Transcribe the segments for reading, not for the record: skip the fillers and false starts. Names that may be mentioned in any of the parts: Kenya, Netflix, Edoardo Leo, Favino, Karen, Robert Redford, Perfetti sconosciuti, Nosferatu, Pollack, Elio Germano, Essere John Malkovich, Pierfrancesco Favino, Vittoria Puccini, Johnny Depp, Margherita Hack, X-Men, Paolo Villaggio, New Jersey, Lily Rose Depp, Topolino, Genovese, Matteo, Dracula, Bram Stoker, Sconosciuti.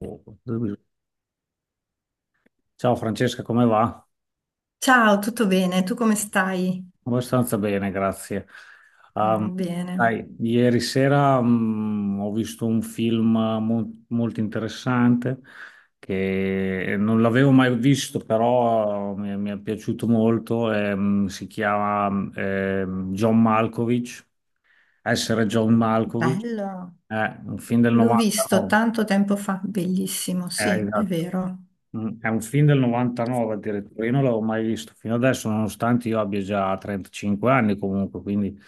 Oh, ciao Francesca, come va? Ciao, tutto bene? Tu come stai? Abbastanza bene, grazie. Um, Mm, bene. dai, ieri sera ho visto un film molto interessante che non l'avevo mai visto, però mi è piaciuto molto. Si chiama ehm, John Malkovich, Essere John Malkovich, Bello. è un film del L'ho visto 99. tanto tempo fa, bellissimo, sì, è Esatto. vero. È un film del 99 addirittura, io non l'avevo mai visto fino adesso, nonostante io abbia già 35 anni comunque, quindi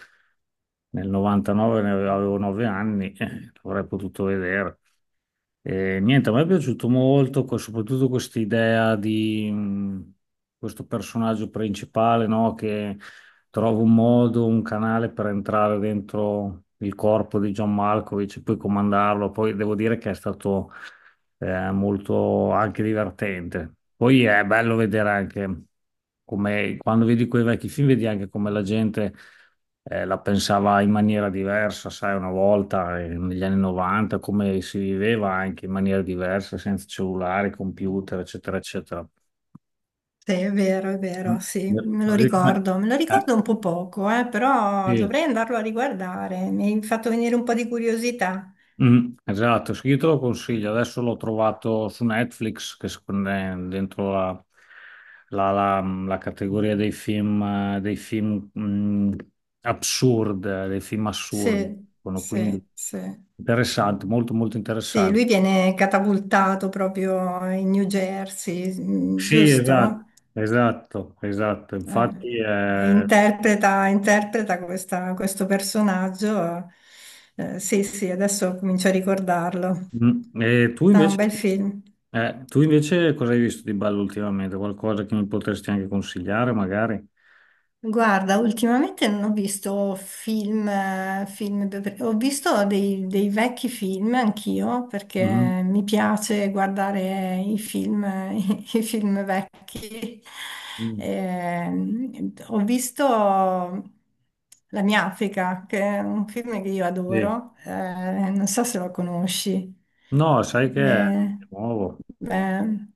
nel 99 ne avevo 9 anni, l'avrei potuto vedere. E niente, a me è piaciuto molto, soprattutto questa idea di questo personaggio principale, no, che trova un modo, un canale per entrare dentro il corpo di John Malkovich e poi comandarlo. Poi devo dire che è stato molto anche divertente. Poi è bello vedere anche come quando vedi quei vecchi film, vedi anche come la gente la pensava in maniera diversa, sai, una volta negli anni 90, come si viveva anche in maniera diversa, senza cellulare, computer, eccetera, eccetera. Sì, è vero, Mm. sì, me lo ricordo. Me lo ricordo un po' poco, però Eh, dovrei andarlo a riguardare. Mi hai fatto venire un po' di curiosità. Mm, esatto, sì, io te lo consiglio. Adesso l'ho trovato su Netflix, che secondo me è dentro la- la- la categoria dei film assurdi. Sì, Sono quindi sì, sì. interessante, molto molto Sì, lui interessante. viene catapultato proprio in New Jersey, mm, Sì, esatto, giusto? esatto, esatto. Eh, Infatti, e interpreta questo personaggio. Sì, sì, adesso comincio a ricordarlo. E tu No, invece, un bel film. Cosa hai visto di bello ultimamente? Qualcosa che mi potresti anche consigliare, magari? Guarda, ultimamente non ho visto film, ho visto dei vecchi film anch'io perché mi piace guardare i film, i film vecchi. Mhm. Ho visto La mia Africa, che è un film che io Sì. adoro, non so se lo conosci. No, sai che è Eh, nuovo. beh,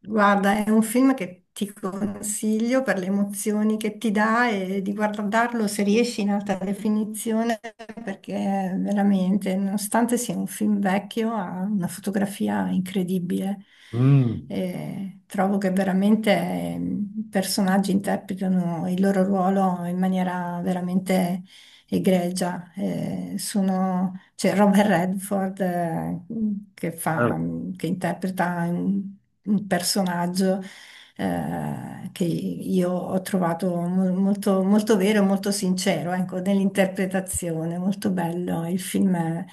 guarda, è un film che ti consiglio per le emozioni che ti dà e di guardarlo se riesci in alta definizione, perché veramente, nonostante sia un film vecchio, ha una fotografia incredibile. Mm. E trovo che veramente i personaggi interpretano il loro ruolo in maniera veramente egregia. C'è Robert Redford, che Eh, fa, che interpreta un personaggio, che io ho trovato molto, molto vero, e molto sincero, ecco, nell'interpretazione, molto bello.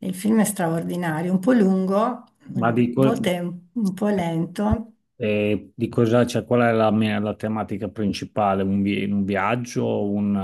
Il film è straordinario, un po' lungo, Ma a volte è un po' lento. Di cosa, cioè, qual è la tematica principale? Un viaggio, un,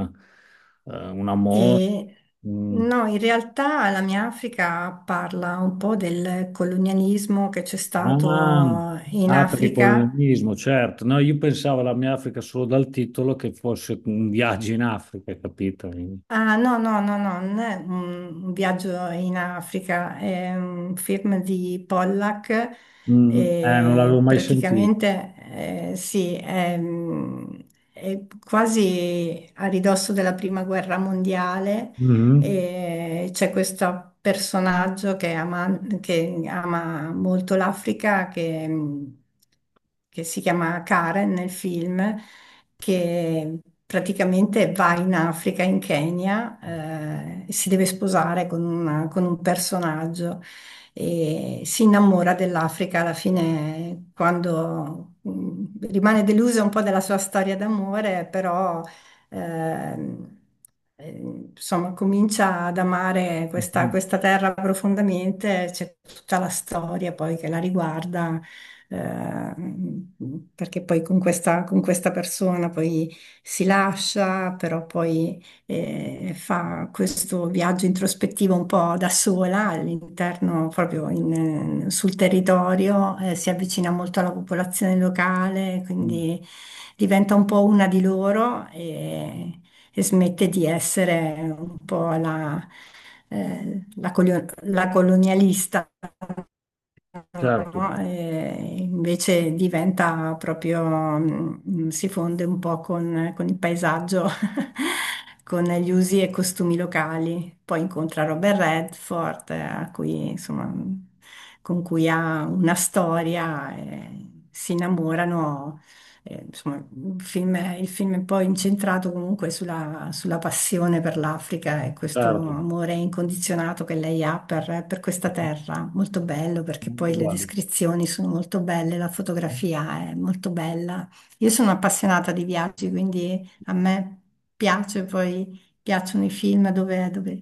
eh, un amore? E Mm. no, in realtà La mia Africa parla un po' del colonialismo che c'è Ah, stato in ah, per il Africa. colonialismo, certo. No, io pensavo alla mia Africa solo dal titolo che fosse un viaggio in Africa, capito? Quindi, Ah, no, no, no, no, non è un viaggio in Africa, è un film di Pollack. Non l'avevo E mai sentito. praticamente, sì, è, mm, è quasi a ridosso della prima guerra mondiale. Mhm. E c'è questo personaggio che ama molto l'Africa, che si chiama Karen nel film, che praticamente va in Africa, in Kenya, e si deve sposare con con un personaggio e si innamora dell'Africa alla fine quando, rimane delusa un po' della sua storia d'amore, però, ehm, eh, insomma, comincia ad amare questa, questa terra profondamente, c'è tutta la storia poi che la riguarda, ehm, perché poi con questa persona poi si lascia, però poi, fa questo viaggio introspettivo un po' da sola all'interno, proprio sul territorio, si avvicina molto alla popolazione locale, Mhm. quindi diventa un po' una di loro e smette di essere un po' la, eh, la colio- la colonialista, Certo, no? E invece diventa proprio, si fonde un po' con il paesaggio, con gli usi e costumi locali. Poi incontra Robert Redford, a cui, insomma, con cui ha una storia, e si innamorano. Insomma, il film è poi incentrato comunque sulla, sulla passione per l'Africa e questo certo. amore incondizionato che lei ha per questa terra. Molto bello perché Molto poi le bello. descrizioni sono molto belle, la fotografia è molto bella. Io sono appassionata di viaggi, quindi a me piace, poi piacciono i film dove, dove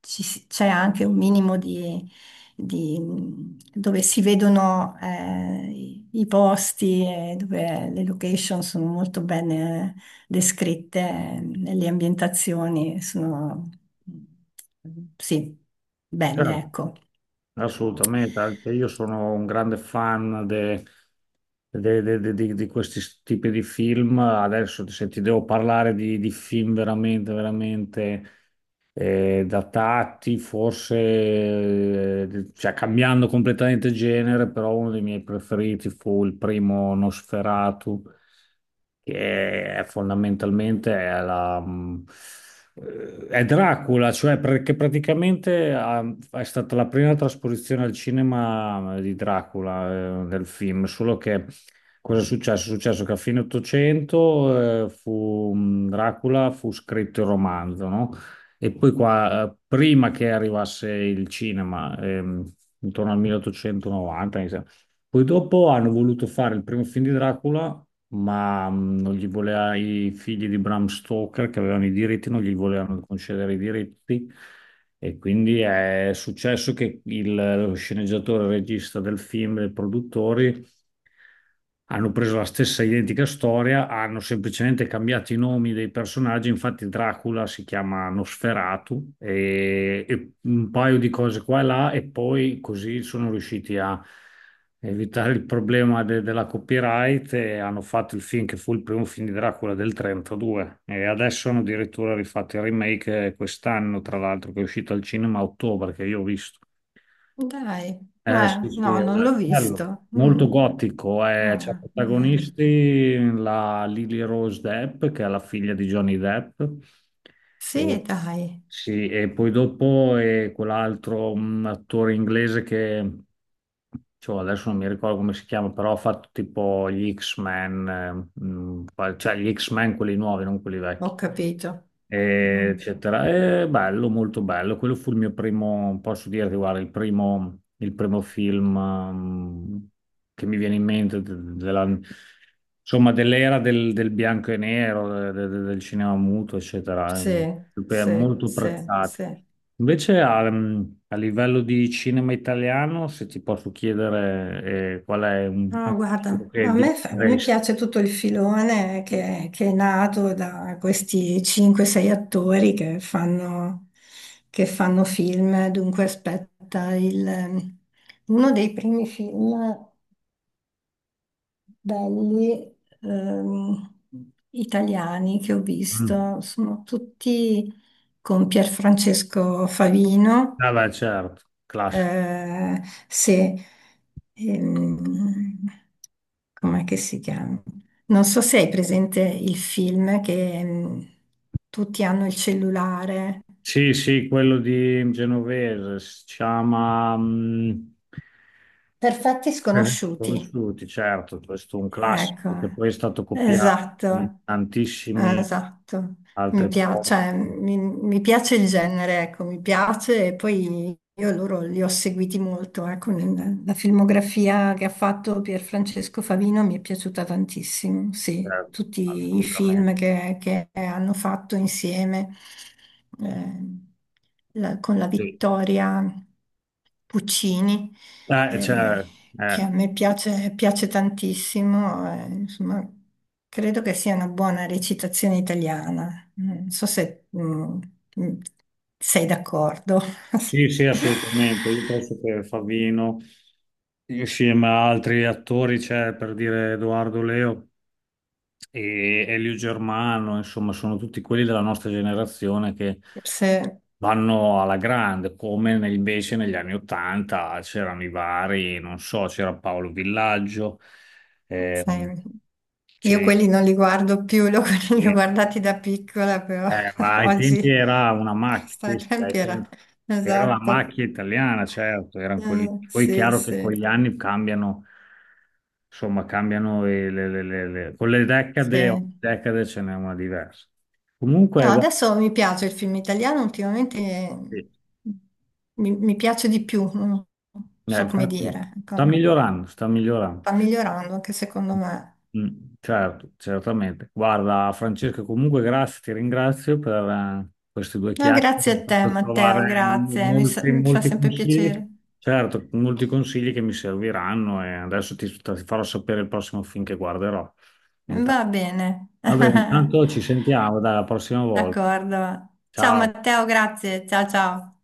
c'è anche un minimo di di- dove si vedono, i posti e dove le location sono molto bene descritte, le ambientazioni sono, mm, sì, belle, Certo, ecco. assolutamente, anche io sono un grande fan di questi tipi di film. Adesso se ti devo parlare di film veramente, veramente. Datati, forse, cioè cambiando completamente genere, però uno dei miei preferiti fu il primo Nosferatu, che è fondamentalmente è la... È Dracula, cioè perché praticamente è stata la prima trasposizione al cinema di Dracula, del film, solo che cosa è successo? È successo che a fine 800 Dracula fu scritto il romanzo, no? E poi qua, prima che arrivasse il cinema, intorno al 1890, mi sembra, poi dopo hanno voluto fare il primo film di Dracula ma non gli voleva i figli di Bram Stoker che avevano i diritti, non gli volevano concedere i diritti e quindi è successo che lo sceneggiatore, il regista del film, e i produttori hanno preso la stessa identica storia, hanno semplicemente cambiato i nomi dei personaggi, infatti Dracula si chiama Nosferatu e un paio di cose qua e là e poi così sono riusciti a evitare il problema della copyright e hanno fatto il film che fu il primo film di Dracula del 32 e adesso hanno addirittura rifatto il remake quest'anno, tra l'altro, che è uscito al cinema a ottobre, che io ho visto. Dai, Sì, sì, no, è non l'ho bello, visto. molto Mm, gotico. C'ha ah, bene. protagonisti la Lily Rose Depp, che è la figlia di Johnny Depp, e, Sì, dai, sì, e poi dopo è quell'altro un attore inglese che cioè, adesso non mi ricordo come si chiama, però ha fatto tipo gli X-Men, cioè gli X-Men quelli nuovi, non quelli vecchi ho capito. Mm, eccetera. È bello, molto bello. Quello fu il mio primo, posso dirti, guarda, il primo film che mi viene in mente insomma, dell'era del bianco e nero, del cinema muto, eccetera. Sì, sì, Molto sì, prezzati. sì. Invece a livello di cinema italiano, se ti posso chiedere qual è un No, film guarda, che a me, mi diresti? piace tutto il filone che è nato da questi 5-6 attori che fanno film. Dunque, aspetta, uno dei primi film belli, ehm, italiani, che ho Mm. visto sono tutti con Pierfrancesco Favino. Ah, beh, certo, classico. Eh, se, ehm, Com'è che si chiama? Non so se hai presente il film che, tutti hanno il cellulare. Sì, sì, quello di Genovese, si chiama. Perfetti Eh. sconosciuti. Sconosciuti, certo, questo è un Ecco, classico che poi è stato copiato in esatto. Tantissimi esatto, mi altri piace, cioè, posti, mi piace il genere, ecco, mi piace e poi io loro li ho seguiti molto, ecco, la filmografia che ha fatto Pierfrancesco Favino mi è piaciuta tantissimo, sì, certo, tutti i assolutamente. film che hanno fatto insieme, eh, con la Sì. Vittoria Puccini, Eh, eh, cioè, che a eh, me piace, piace tantissimo, insomma, credo che sia una buona recitazione italiana. Non so se, mm, sei d'accordo. Sì, sì, assolutamente. Io penso che Favino, insieme a altri attori, c'è per dire Edoardo Leo e Elio Germano, insomma, sono tutti quelli della nostra generazione che Se- vanno alla grande, come invece negli anni Ottanta c'erano i vari, non so, c'era Paolo Villaggio, ehm, Sai, io c'è- quelli non li guardo più, li ho, li ho guardati da piccola, però ma ai tempi oggi, era una oh, macchina, stai sì, sì, ai tempi era. tempi era la Esatto. macchia italiana, certo, erano quelli. Mm, Poi è sì, chiaro che con gli sì. anni cambiano, insomma, cambiano e con le decade, ogni Sì. decade ce n'è una diversa. No, Comunque, guarda, adesso mi piace il film italiano, ultimamente, sì, mi piace di più, non so come infatti dire, sta ecco. migliorando, sta migliorando. Sta migliorando anche secondo me. Mm, certo, certamente. Guarda, Francesco, comunque grazie, ti ringrazio per queste due No, chiacchiere, grazie mi hai a te fatto trovare Matteo, grazie, molti, mi fa molti sempre consigli, piacere. certo, molti consigli che mi serviranno e adesso ti farò sapere il prossimo film che guarderò. Intanto. Va bene. Va bene, intanto ci sentiamo, dai, la prossima volta. D'accordo. Ciao Ciao. Matteo, grazie, ciao ciao.